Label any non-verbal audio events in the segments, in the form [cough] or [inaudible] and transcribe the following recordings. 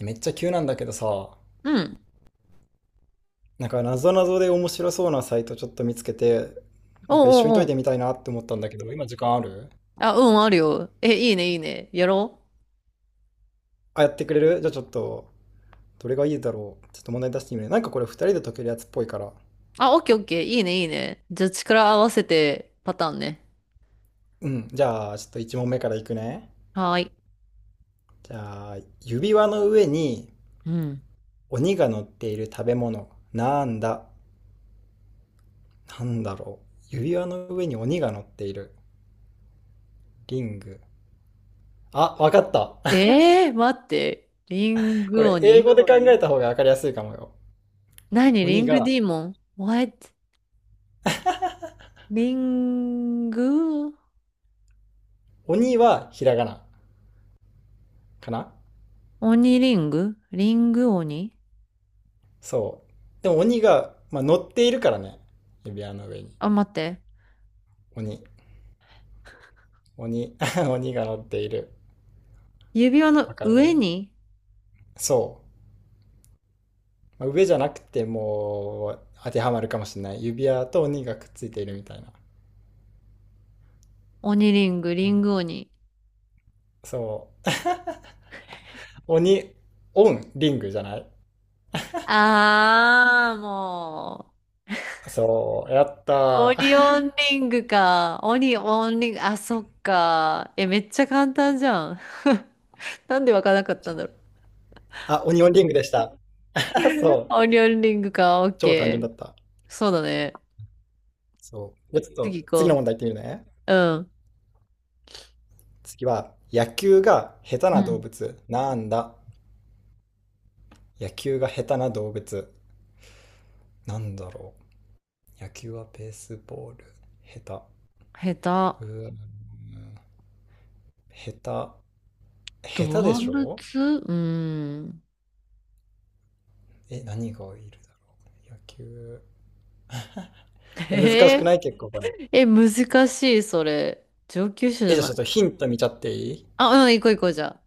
めっちゃ急なんだけどさ、うん。なんかなぞなぞで面白そうなサイトちょっと見つけて、おなんか一緒うにおう解いおてう。みたいなって思ったんだけど、今時間ある？あ、うん、あるよ。え、いいね、いいね。やろう。あ、やってくれる？じゃあちょっと、どれがいいだろう。ちょっと問題出してみるね。なんかこれ2人で解けるやつっぽいから。あ、オッケーオッケー。いいね、いいね。じゃあ、力合わせてパターンね。うん。じゃあ、ちょっと1問目からいくね。はーい。じゃあ、指輪の上にうん。鬼が乗っている食べ物。なんだなんだろう。指輪の上に鬼が乗っている。リング。あ、わかった。[laughs] 待って。リンこグれ英語鬼で考えた方がわかりやすいかもよ。何リ鬼ングがディーモン？ What？ リング鬼はひらがなかな。鬼リングリング鬼そう。でも鬼が、まあ、乗っているからね。指輪の上に。あ、待って。鬼。鬼。[laughs] 鬼が乗っている。指輪のわか上る？にそう。まあ上じゃなくてもう当てはまるかもしれない。指輪と鬼がくっついているみたいな。鬼リング、リング鬼。そう。[laughs] 鬼、オン、リングじゃない？あー、もう。そう。やっオたリー。オンリングか。オリオンリング、あ、そっか。え、めっちゃ簡単じゃん。[laughs] なんでわからなかったんだろう。[laughs] あ、鬼オンリングでした。[laughs] そう。オリオンリングか、オッ超単純ケだー。った。そうだね。そう。じゃあちょっ次と行次のこ問題いってみるね。う。うん。次は、野球が下手うな動ん。物なんだ？野球が下手な動物。なんだろう。野球はベースボール。下下手。手。下手。動下手でし物ょ？うん。え、何がいるだろう。野球。[laughs] え、難しえくない？結構これ。え、難しい、それ。上級者じえ、ゃじゃあなちょっとい。ヒント見ちゃっていい？あ、うん、行こう行こう、じゃあ。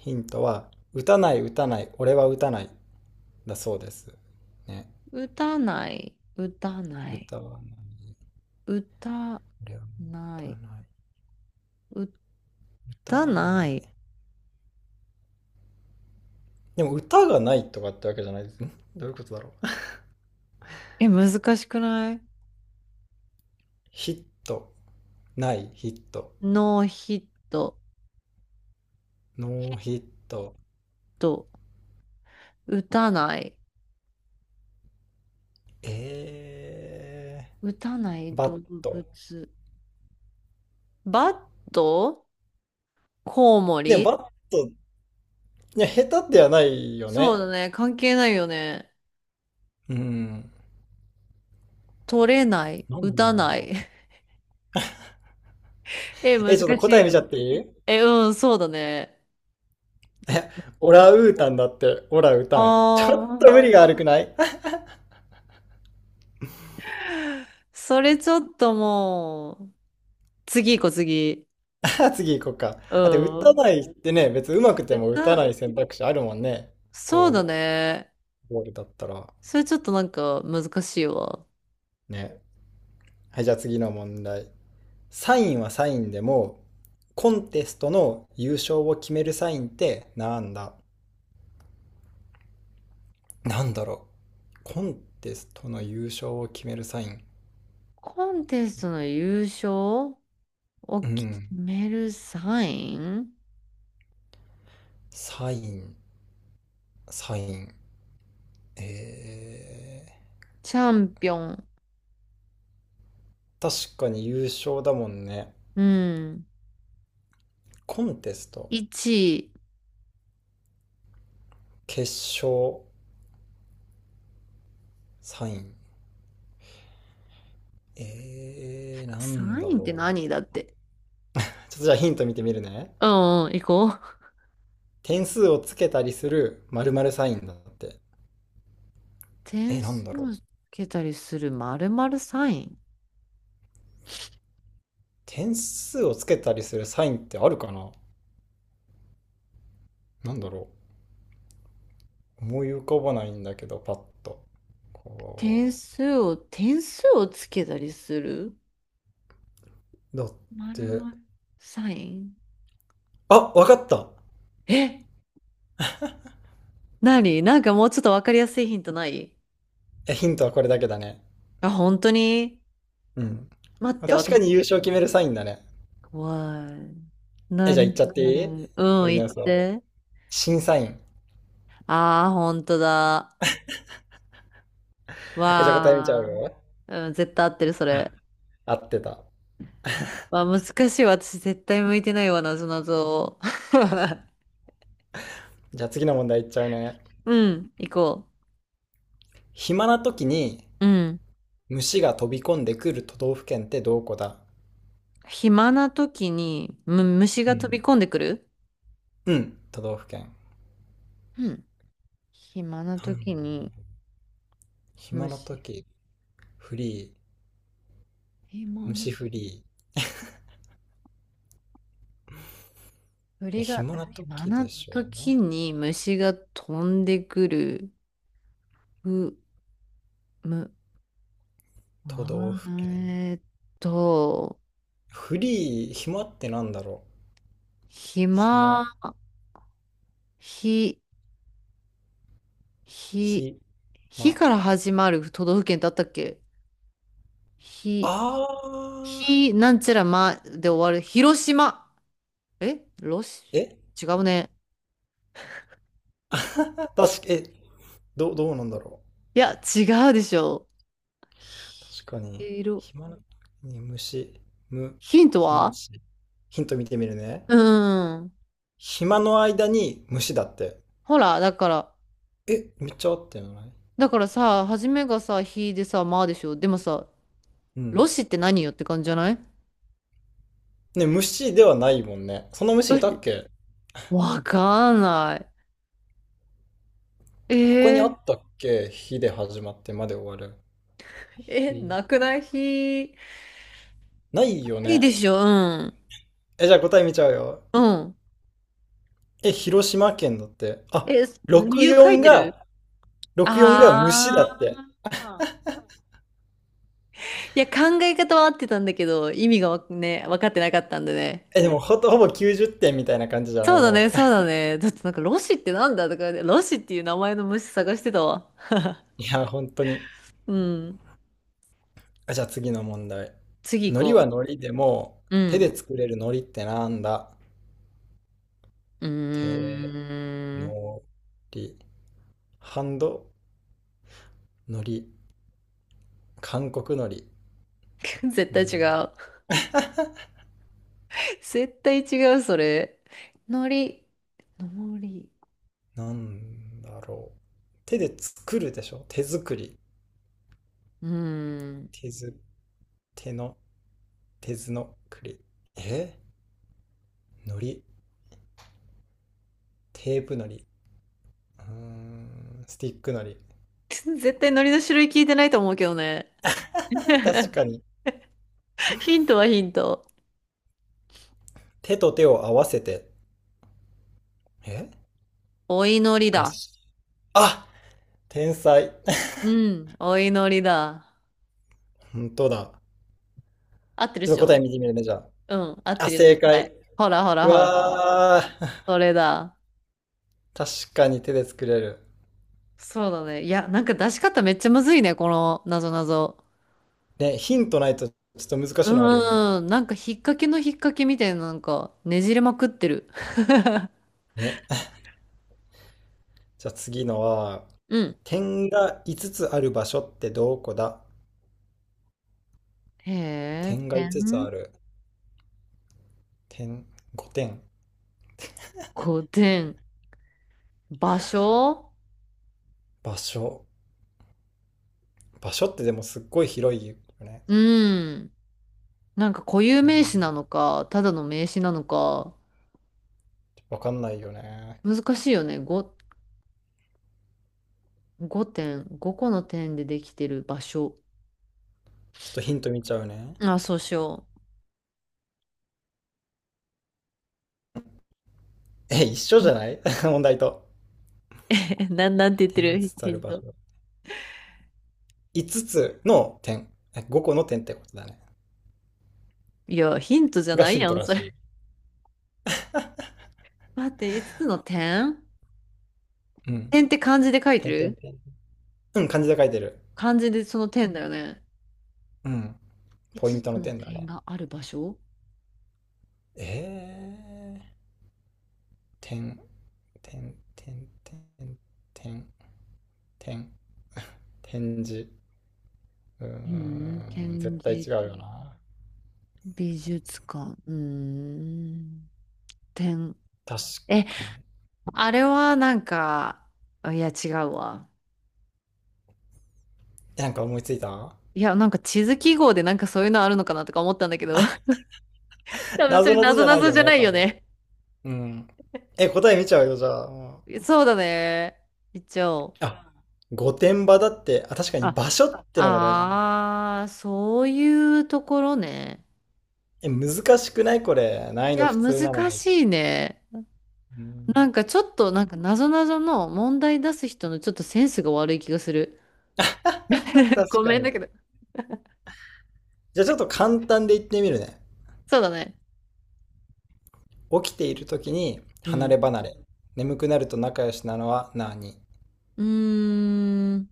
ヒントは、打たない、打たない、俺は打たない。だそうです。ね。歌ない。歌ない。歌わない。歌俺はな歌わい。ない。歌歌わなない。い。でも歌がないとかってわけじゃないですね。どういうことだろう。[laughs] え、難しくないヒット、ない、ヒット。ノーヒットノーヒット。と、打たない、え打たないバッ動ト。物。バットコウモでもリバット、いや、下手ではないよそうね。だね。関係ないよね。うん。取れない、なん打ただなろい。[laughs] え、う。難え、ちょっとし答いえ見ちゃよ。っていい？え、え、うん、そうだね。一 [laughs] オ応ランウータンだって、オラウタン。ちょあっと無あー、理が悪くない？ それちょっともう、次行こう、次。[laughs] 次行こうか。うあと、打たん。ないってね、別に上手くても打たな歌、い選択肢あるもんね。そうだこね。う、ボールだったら。それちょっとなんか難しいわ。ね。はい、じゃあ次の問題。サインはサインでも、コンテストの優勝を決めるサインってなんだ？なんだろう。コンテストの優勝を決めるサイン。コンテストの優勝をう決ん。めるサインサイン、サイン。えチャンピオン。確かに優勝だもんね。うん。コンテスト、1決勝、サイン。なんサだインってろう。何だって。ちょっとじゃあヒント見てみるね。うんうん、行こう。点数をつけたりする〇〇サインだって。え、点なんだ数ろう。をつけたりする〇〇サイン。点数をつけたりするサインってあるかな？なんだろう、思い浮かばないんだけど、パッと。こ点数を、点数をつけたりするう。だっ〇て、〇サイン。あ、わかった。え、何なんかもうちょっとわかりやすいヒントないえ、ヒントはこれだけだね。あ、本当にうん。待って、確か私。に優勝決めるサインだね。怖い。え、じゃあ言何っちゃってあれ。いい？うん、俺言のっ予想。て。審査員。ああ、本当だ。え、じゃあ答え見ちゃうわあ、よ。うん、絶対合ってる、それ。合ってた。わあ、難しいわ。私絶対向いてないわ、なぞなぞ。[laughs] じゃあ次の問題いっちゃうね。うん、行こ暇な時にう。うん。虫が飛び込んでくる都道府県ってどこだ？暇な時に、虫うが飛ん。び込んでくるうん、都道府県。うん。暇ななん時に、暇な虫。時、フリ暇な、虫フリー。で鳥が、暇な暇時でなしょ時う？に虫が飛んでくる。う、む、うわ都道府県。ーえーっと、フリー、暇ってなんだろう？暇、暇、ひ、ひ、ひ、火ま、から始まる都道府県ってあったっけ火、あー、火なんちゃらまで終わる。広島。えロシえ、違うね。あはは。 [laughs] 確か、どうなんだろいや、違うでしょ。う。確かに、ひ色。暇な時に虫、む、ヒント暇はし。ヒント見てみるね。うん。暇の間に虫だって。ほら、だから、え、めっちゃ合ってない？だからさ、初めがさ、火でさ、まあでしょ。でもさ、うロん。シって何よって感じじゃないね、虫ではないもんね。そんな虫ロいたっシけ？わかんない。えここにあー、ったっけ、火で始まってまで終わる。え、えーなくない火。ないよいいね。でしょ、うん。え、じゃあ答え見ちゃうよ。うん。え、広島県だって。あ、え、理由書い64てるが、64が虫あだって。あ。いや、考え方は合ってたんだけど、意味がわね、分かってなかったんでね。え、でもほぼ90点みたいな感じじゃなそい？うだね、もう。そうだね。だってなんか、ロシってなんだとかね、ロシっていう名前の虫探してたわ。[laughs] いや、本当に。うん。あ、じゃあ次の問題。次行海苔はこ海苔でも、う。う手ん。で作れる海苔ってなんだ？う手、ーん。のり。ハンド、海苔。韓国海苔。[laughs] 絶う対違ん、う。絶対違う、それ。のり。のり。なんだろう。手で作るでしょ、手作り。うーん。手ず、手の、手ずのくり、え海苔。テープ海苔。スティック海 [laughs] 絶対のりの種類聞いてないと思うけどね。苔。確 [laughs] かに。ヒントはヒント。手と手を合わせて。えお祈りガだ。シ。あ、天才。[laughs] うん。お祈りだ。本当だ。合ってるちでょっしと答えょ見てみるね、じゃうん。合っあ。あ、てるよ、正絶対。解。ほらほらうほら。わー。それだ。[laughs] 確かに手で作れる。そうだね。いや、なんか出し方めっちゃむずいね、このなぞなぞ。ね、ヒントないとちょっと難しいのあるよね。うーん。なんか引っ掛けの引っ掛けみたいな、なんかねじれまくってる。ね。じゃあ次のは、[laughs] うん。点が5つつある場所ってどこだ？へえ、点が5つつ点、ある。点、5点。5点。場所場所。場所ってでもすっごい広いよね。うん。なんか固有名詞な点、のか、ただの名詞なのか、わかんないよね。難しいよね。ご5点、5個の点でできてる場所。ちょっとヒント見ちゃうね。あ、そうしよう。え、一緒じゃない？ [laughs] 問題と。[laughs] え、なんて言って点が5るつつあヒるン場ト。所。5つつの点。5個の点ってことだね。いや、ヒントじゃがないヒンやトん、らそしれ。い。待って、5つつの点うん。点って漢字で書いて点点る点。うん、漢字で書いてる。漢字でその点だよね。うん。ポイ5ントつつのの点だ点ね。がある場所えー、点。てんてんてんてんてん、展示。うーん、展絶対示、違うよな。美術館、うーん、点。確え、かに。あれはなんか、いや、違うわ。なんか思いついた？いや、なんか地図記号でなんかそういうのあるのかなとか思ったんだけど、[laughs] 多分そ謎れな々 [laughs] じぞゃなないぞよじゃね、ない多よ分。ね。うん。答え見ちゃうよ、じゃあ。うん。そうだね。一応。あ、御殿場だって。あ、確かに場所ってのが大事なの？ああ、そういうところね。難しくない？これ難易い度や、普難通なのに。しいね。うなん。 んかちょっと、なんか謎々の問題出す人のちょっとセンスが悪い気がする。[laughs] 確 [laughs] ごかめんに。だけど。じゃあちょっと簡単で言ってみるね。そうだね。起きている時にう離ん。れ離れ、眠くなると仲良しなのは何？うーん。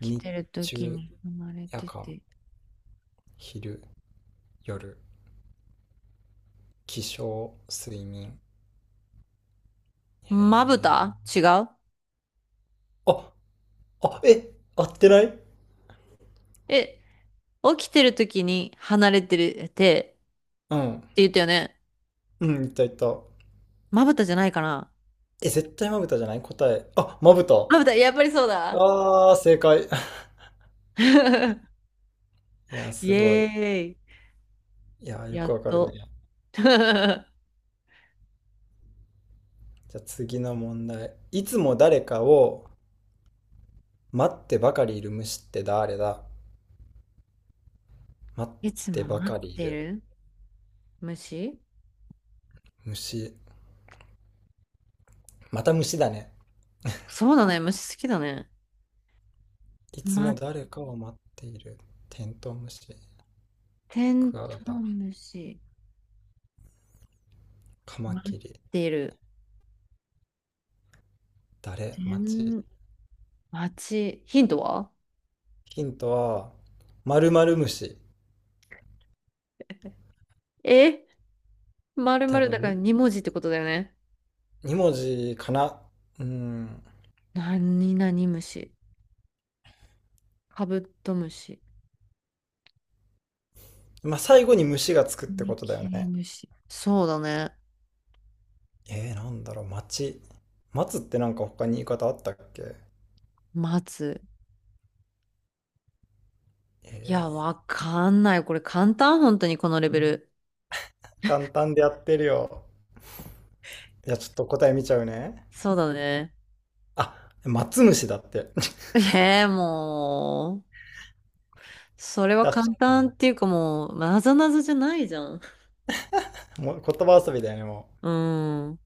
起き日てる時中、に離れ夜て間、て。昼、夜、起床、睡眠。へまぶえ。た違うあ、あ、え、合ってない？え、起きてる時に離れてるてってうん。言ったよね。うん、いったいった。まぶたじゃないかなえ、絶対まぶたじゃない？答え。あ、まぶた。まぶた、やっぱりそうだ。あー、正解。[laughs] [laughs] いやー、イすエごい。ーいやー、イ。よやくっわかるね。と。[laughs] じゃあ次の問題。いつも誰かを待ってばかりいる虫って誰だ？待っいつてもば待かっりいてるる虫虫。また虫だね。そうだね、虫好きだね。いつも待誰かを待っている。テントウムシ。テクンワトガウタ、ムシ。カマ待っキリ、てる。誰、て町。ん、待ち。ヒントはヒントは、〇〇虫。えまるま多るだから分、2文字ってことだよね。2文字かな。うん。何々虫。カブトムシ。まあ、最後に虫がつくっカてミことだよキリね。ムシ。そうだね。なんだろう、町。マツってなんか他に言い方あったっけ？待つ。いや、えわかんない。これ簡単、本当にこのレベル。簡単でやってるよ。じゃあちょっと答え見ちゃうね。そうだね。あ、松虫だって。[laughs] えー、もう。それは確簡か単に。っていうかもう、なぞなぞじゃないじゃん。もう言葉遊びだよね、もう。うん。